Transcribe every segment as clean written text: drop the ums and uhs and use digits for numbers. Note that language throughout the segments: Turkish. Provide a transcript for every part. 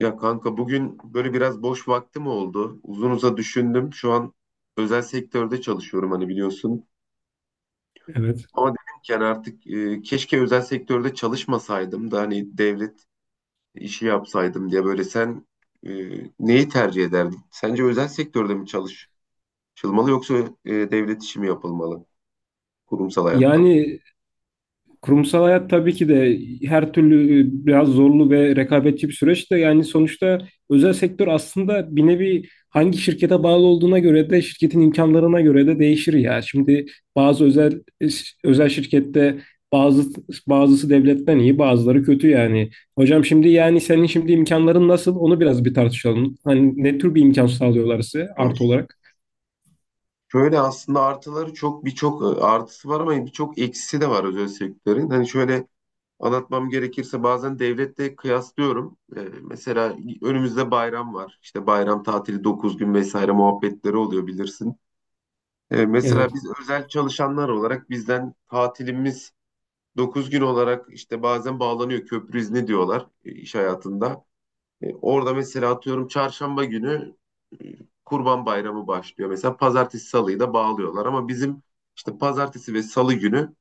Ya kanka bugün böyle biraz boş vaktim oldu. Uzun düşündüm. Şu an özel sektörde çalışıyorum hani biliyorsun. Evet. Ama dedim ki hani artık keşke özel sektörde çalışmasaydım da hani devlet işi yapsaydım diye böyle sen e, neyi tercih ederdin? Sence özel sektörde mi çalışılmalı yoksa devlet işi mi yapılmalı kurumsal hayatta? Yani kurumsal hayat tabii ki de her türlü biraz zorlu ve rekabetçi bir süreç de yani sonuçta özel sektör aslında bir nevi hangi şirkete bağlı olduğuna göre de şirketin imkanlarına göre de değişir ya. Şimdi bazı özel özel şirkette bazı bazısı devletten iyi, bazıları kötü yani. Hocam şimdi yani senin şimdi imkanların nasıl? Onu biraz bir tartışalım. Hani ne tür bir imkan sağlıyorlar size artı Evet. olarak? Şöyle aslında artıları çok birçok artısı var ama birçok eksisi de var özel sektörün. Hani şöyle anlatmam gerekirse bazen devletle kıyaslıyorum. Mesela önümüzde bayram var. İşte bayram tatili 9 gün vesaire muhabbetleri oluyor bilirsin. Mesela Evet. biz özel çalışanlar olarak bizden tatilimiz 9 gün olarak işte bazen bağlanıyor köprü izni diyorlar iş hayatında. Orada mesela atıyorum çarşamba günü e, Kurban Bayramı başlıyor. Mesela pazartesi salıyı da bağlıyorlar ama bizim işte pazartesi ve salı günü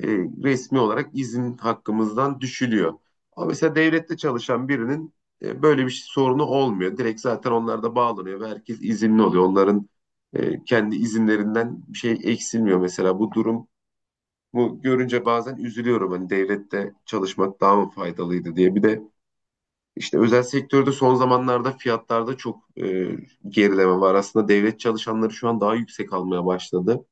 e, resmi olarak izin hakkımızdan düşülüyor. Ama mesela devlette çalışan birinin böyle sorunu olmuyor. Direkt zaten onlar da bağlanıyor ve herkes izinli oluyor. Onların kendi izinlerinden bir şey eksilmiyor mesela. Bu görünce bazen üzülüyorum. Hani devlette çalışmak daha mı faydalıydı diye. Bir de işte özel sektörde son zamanlarda fiyatlarda çok gerileme var. Aslında devlet çalışanları şu an daha yüksek almaya başladı.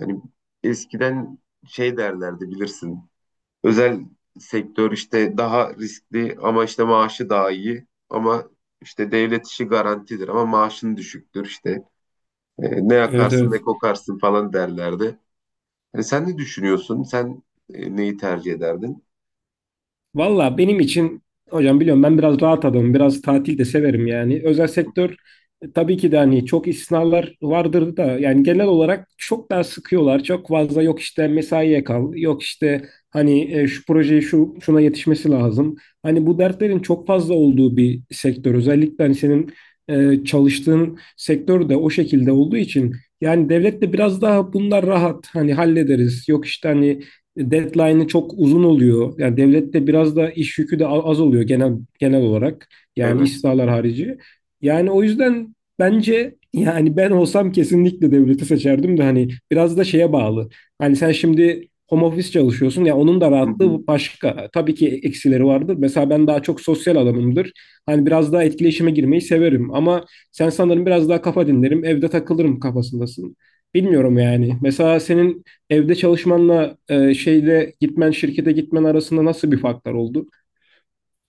Yani eskiden şey derlerdi, bilirsin, özel sektör işte daha riskli ama işte maaşı daha iyi. Ama işte devlet işi garantidir ama maaşın düşüktür işte. Ne Evet, yakarsın evet. ne kokarsın falan derlerdi. Sen ne düşünüyorsun? Sen neyi tercih ederdin? Valla benim için hocam biliyorum ben biraz rahat adamım. Biraz tatil de severim yani. Özel sektör, tabii ki de hani çok istisnalar vardır da yani genel olarak çok daha sıkıyorlar. Çok fazla yok işte mesaiye kal. Yok işte hani şu projeyi şu şuna yetişmesi lazım. Hani bu dertlerin çok fazla olduğu bir sektör. Özellikle hani senin çalıştığın sektör de o şekilde olduğu için yani devlet de biraz daha bunlar rahat, hani hallederiz. Yok işte hani deadline'ı çok uzun oluyor. Yani devlette biraz da iş yükü de az oluyor genel olarak. Yani Evet. istihdamlar harici. Yani o yüzden bence yani ben olsam kesinlikle devleti seçerdim de hani biraz da şeye bağlı. Hani sen şimdi home office çalışıyorsun ya, onun da rahatlığı başka. Tabii ki eksileri vardır. Mesela ben daha çok sosyal adamımdır. Hani biraz daha etkileşime girmeyi severim ama sen sanırım biraz daha kafa dinlerim, evde takılırım kafasındasın. Bilmiyorum yani. Mesela senin evde çalışmanla şeyde gitmen, şirkete gitmen arasında nasıl bir farklar oldu?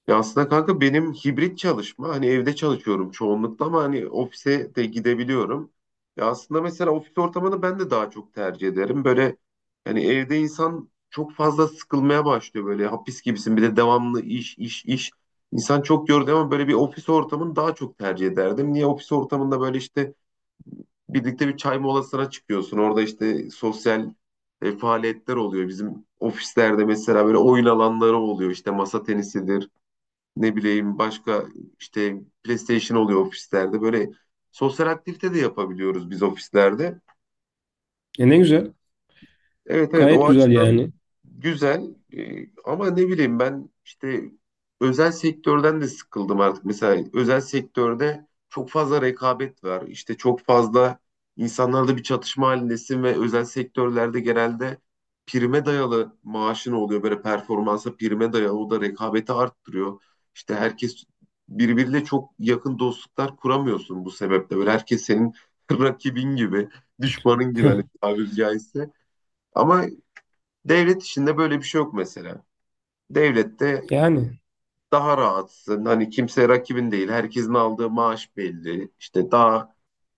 Ya aslında kanka benim hibrit çalışma, hani evde çalışıyorum çoğunlukla ama hani ofise de gidebiliyorum. Ya aslında mesela ofis ortamını ben de daha çok tercih ederim. Böyle hani evde insan çok fazla sıkılmaya başlıyor, böyle hapis gibisin, bir de devamlı iş iş iş. İnsan çok yordu ama böyle bir ofis ortamını daha çok tercih ederdim. Niye? Ofis ortamında böyle işte birlikte bir çay molasına çıkıyorsun. Orada işte sosyal faaliyetler oluyor. Bizim ofislerde mesela böyle oyun alanları oluyor. İşte masa tenisidir, ne bileyim, başka işte PlayStation oluyor ofislerde. Böyle sosyal aktivite de yapabiliyoruz biz ofislerde. E ne güzel. Evet, evet, Gayet o güzel açıdan yani. güzel. Ama ne bileyim ben işte özel sektörden de sıkıldım artık. Mesela özel sektörde çok fazla rekabet var. İşte çok fazla insanlarla bir çatışma halindesin ve özel sektörlerde genelde prime dayalı maaşın oluyor. Böyle performansa prime dayalı, o da rekabeti arttırıyor. İşte herkes birbiriyle çok yakın dostluklar kuramıyorsun bu sebeple. Böyle herkes senin rakibin gibi, düşmanın gibi, hani tabiri caizse. Ama devlet işinde böyle bir şey yok mesela. Devlette Yani. daha rahatsın. Hani kimse rakibin değil. Herkesin aldığı maaş belli. İşte daha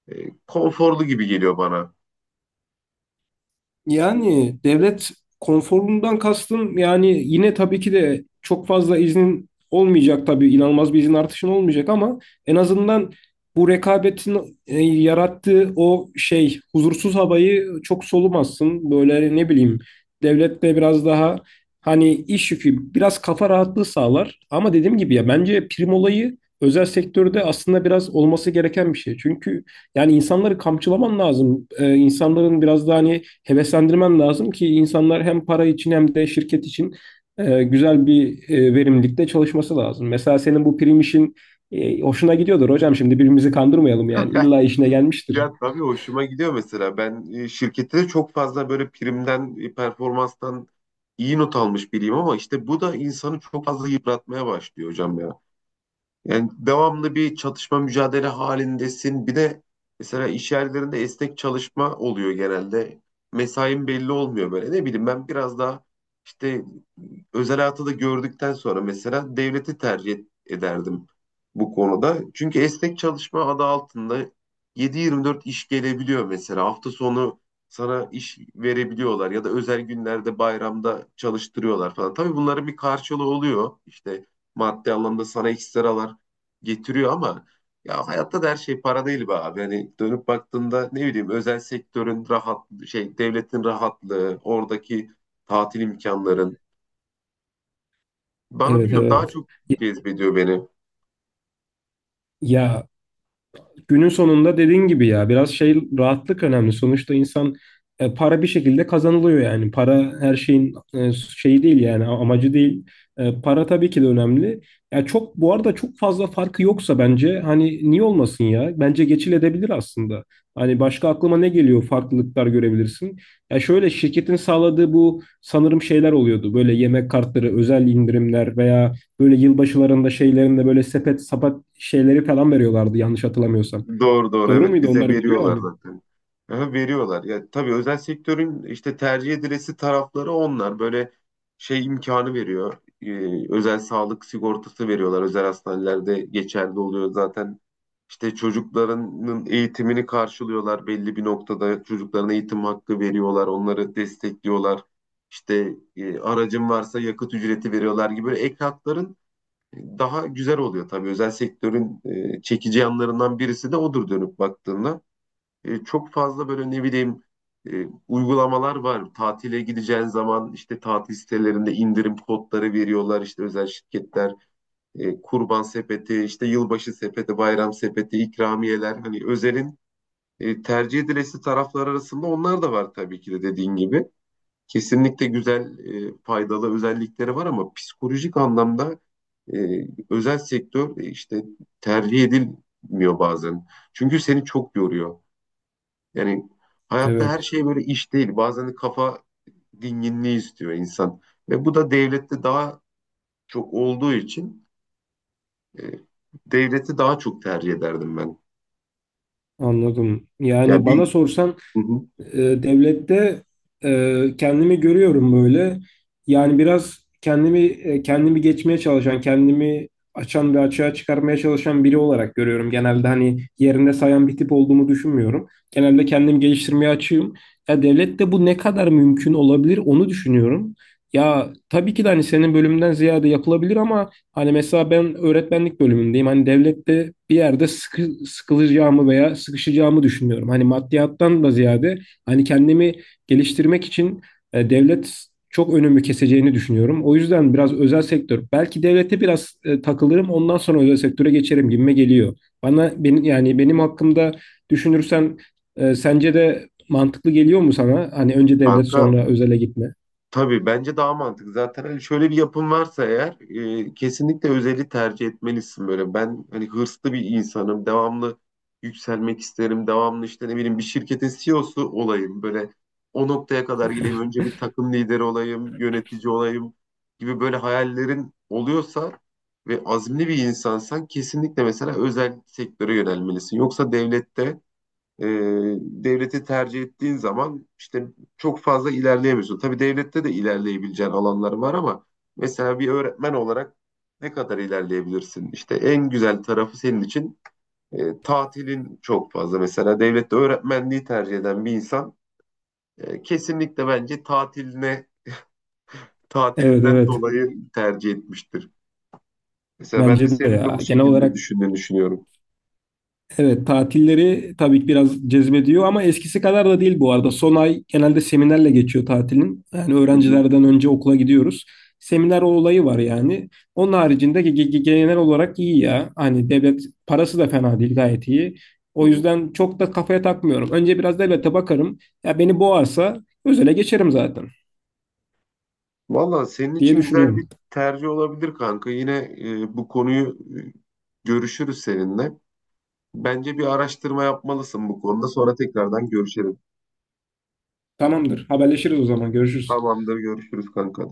e, konforlu gibi geliyor bana. Yani devlet konforundan kastım yani yine tabii ki de çok fazla iznin olmayacak, tabii inanılmaz bir izin artışın olmayacak ama en azından bu rekabetin yarattığı o şey huzursuz havayı çok solumazsın. Böyle hani, ne bileyim, devlette biraz daha hani iş yükü biraz kafa rahatlığı sağlar ama dediğim gibi ya bence prim olayı özel sektörde aslında biraz olması gereken bir şey. Çünkü yani insanları kamçılaman lazım. İnsanların biraz daha hani heveslendirmen lazım ki insanlar hem para için hem de şirket için güzel bir verimlilikte çalışması lazım. Mesela senin bu prim işin hoşuna gidiyordur hocam. Şimdi birbirimizi kandırmayalım yani. İlla işine gelmiştir. Ya tabii hoşuma gidiyor mesela. Ben şirkette de çok fazla böyle primden, performanstan iyi not almış biriyim ama işte bu da insanı çok fazla yıpratmaya başlıyor hocam ya. Yani devamlı bir çatışma mücadele halindesin. Bir de mesela iş yerlerinde esnek çalışma oluyor genelde. Mesain belli olmuyor böyle. Ne bileyim, ben biraz daha işte özel hayatı da gördükten sonra mesela devleti tercih ederdim bu konuda. Çünkü esnek çalışma adı altında 7-24 iş gelebiliyor mesela. Hafta sonu sana iş verebiliyorlar ya da özel günlerde, bayramda çalıştırıyorlar falan. Tabii bunların bir karşılığı oluyor. İşte maddi anlamda sana ekstralar getiriyor ama ya hayatta da her şey para değil be abi. Hani dönüp baktığında, ne bileyim, özel sektörün rahat şey, devletin rahatlığı, oradaki tatil imkanların bana, Evet, biliyorum, daha evet. çok cezbediyor beni. Ya günün sonunda dediğin gibi ya biraz şey rahatlık önemli. Sonuçta insan, para bir şekilde kazanılıyor yani. Para her şeyin şeyi değil yani amacı değil. E, para tabii ki de önemli. Ya çok bu arada çok fazla farkı yoksa bence hani niye olmasın ya? Bence geçilebilir aslında. Hani başka aklıma ne geliyor, farklılıklar görebilirsin. Ya şöyle, şirketin sağladığı bu sanırım şeyler oluyordu. Böyle yemek kartları, özel indirimler veya böyle yılbaşılarında şeylerinde böyle sepet sapat şeyleri falan veriyorlardı, yanlış hatırlamıyorsam. Doğru, doğru, Doğru evet, muydu? bize Onları veriyorlar veriyorlar mıydı? zaten. Aha, veriyorlar. Ya tabii özel sektörün işte tercih edilesi tarafları onlar. Böyle şey imkanı veriyor. Özel sağlık sigortası veriyorlar. Özel hastanelerde geçerli oluyor zaten. İşte çocuklarının eğitimini karşılıyorlar belli bir noktada. Çocuklarına eğitim hakkı veriyorlar. Onları destekliyorlar. İşte aracın varsa yakıt ücreti veriyorlar gibi, böyle ek hakların daha güzel oluyor tabii. Özel sektörün çekici yanlarından birisi de odur dönüp baktığında. Çok fazla böyle, ne bileyim, uygulamalar var. Tatile gideceğin zaman işte tatil sitelerinde indirim kodları veriyorlar. İşte özel şirketler kurban sepeti, işte yılbaşı sepeti, bayram sepeti, ikramiyeler, hani özelin tercih edilesi taraflar arasında onlar da var tabii ki de, dediğin gibi. Kesinlikle güzel, faydalı özellikleri var ama psikolojik anlamda e, özel sektör işte tercih edilmiyor bazen. Çünkü seni çok yoruyor. Yani hayatta her Evet, şey böyle iş değil. Bazen de kafa dinginliği istiyor insan. Ve bu da devlette daha çok olduğu için e, devleti daha çok tercih ederdim ben. anladım. Ya Yani bana bir sorsan Hı hı. Devlette kendimi görüyorum böyle. Yani biraz kendimi kendimi geçmeye çalışan, kendimi açan ve açığa çıkarmaya çalışan biri olarak görüyorum. Genelde hani yerinde sayan bir tip olduğumu düşünmüyorum. Genelde kendimi geliştirmeye açığım. Ya devlette bu ne kadar mümkün olabilir onu düşünüyorum. Ya tabii ki de hani senin bölümünden ziyade yapılabilir ama hani mesela ben öğretmenlik bölümündeyim. Hani devlette bir yerde sıkılacağımı veya sıkışacağımı düşünüyorum. Hani maddiyattan da ziyade hani kendimi geliştirmek için devlet çok önümü keseceğini düşünüyorum. O yüzden biraz özel sektör, belki devlete biraz takılırım, ondan sonra özel sektöre geçerim gibime geliyor. Bana benim yani benim hakkımda düşünürsen sence de mantıklı geliyor mu sana? Hani önce devlet banka sonra özele gitme. Tabii bence daha mantıklı. Zaten hani şöyle bir yapım varsa eğer kesinlikle özeli tercih etmelisin böyle. Ben hani hırslı bir insanım. Devamlı yükselmek isterim. Devamlı işte, ne bileyim, bir şirketin CEO'su olayım. Böyle o noktaya kadar geleyim. Önce bir takım lideri olayım, yönetici olayım gibi böyle hayallerin oluyorsa ve azimli bir insansan, kesinlikle mesela özel sektöre yönelmelisin. Yoksa e, devleti tercih ettiğin zaman işte çok fazla ilerleyemiyorsun. Tabii devlette de ilerleyebileceğin alanlar var ama mesela bir öğretmen olarak ne kadar ilerleyebilirsin? İşte en güzel tarafı senin için tatilin çok fazla. Mesela devlette öğretmenliği tercih eden bir insan kesinlikle bence Evet, tatilinden evet. dolayı tercih etmiştir. Mesela ben de Bence de senin de ya. bu Genel şekilde olarak düşündüğünü düşünüyorum. evet, tatilleri tabii ki biraz cezbediyor ama eskisi kadar da değil bu arada. Son ay genelde seminerle geçiyor tatilin. Yani Hı hı, öğrencilerden önce okula gidiyoruz. Seminer olayı var yani. Onun haricinde genel olarak iyi ya. Hani devlet parası da fena değil, gayet iyi. hı O hı. yüzden çok da kafaya takmıyorum. Önce biraz devlete bakarım. Ya beni boğarsa özele geçerim zaten Valla senin diye için güzel bir düşünüyorum. tercih olabilir kanka. Yine bu konuyu e, görüşürüz seninle. Bence bir araştırma yapmalısın bu konuda. Sonra tekrardan görüşelim. Tamamdır. Haberleşiriz o zaman. Görüşürüz. Tamamdır, görüşürüz kanka.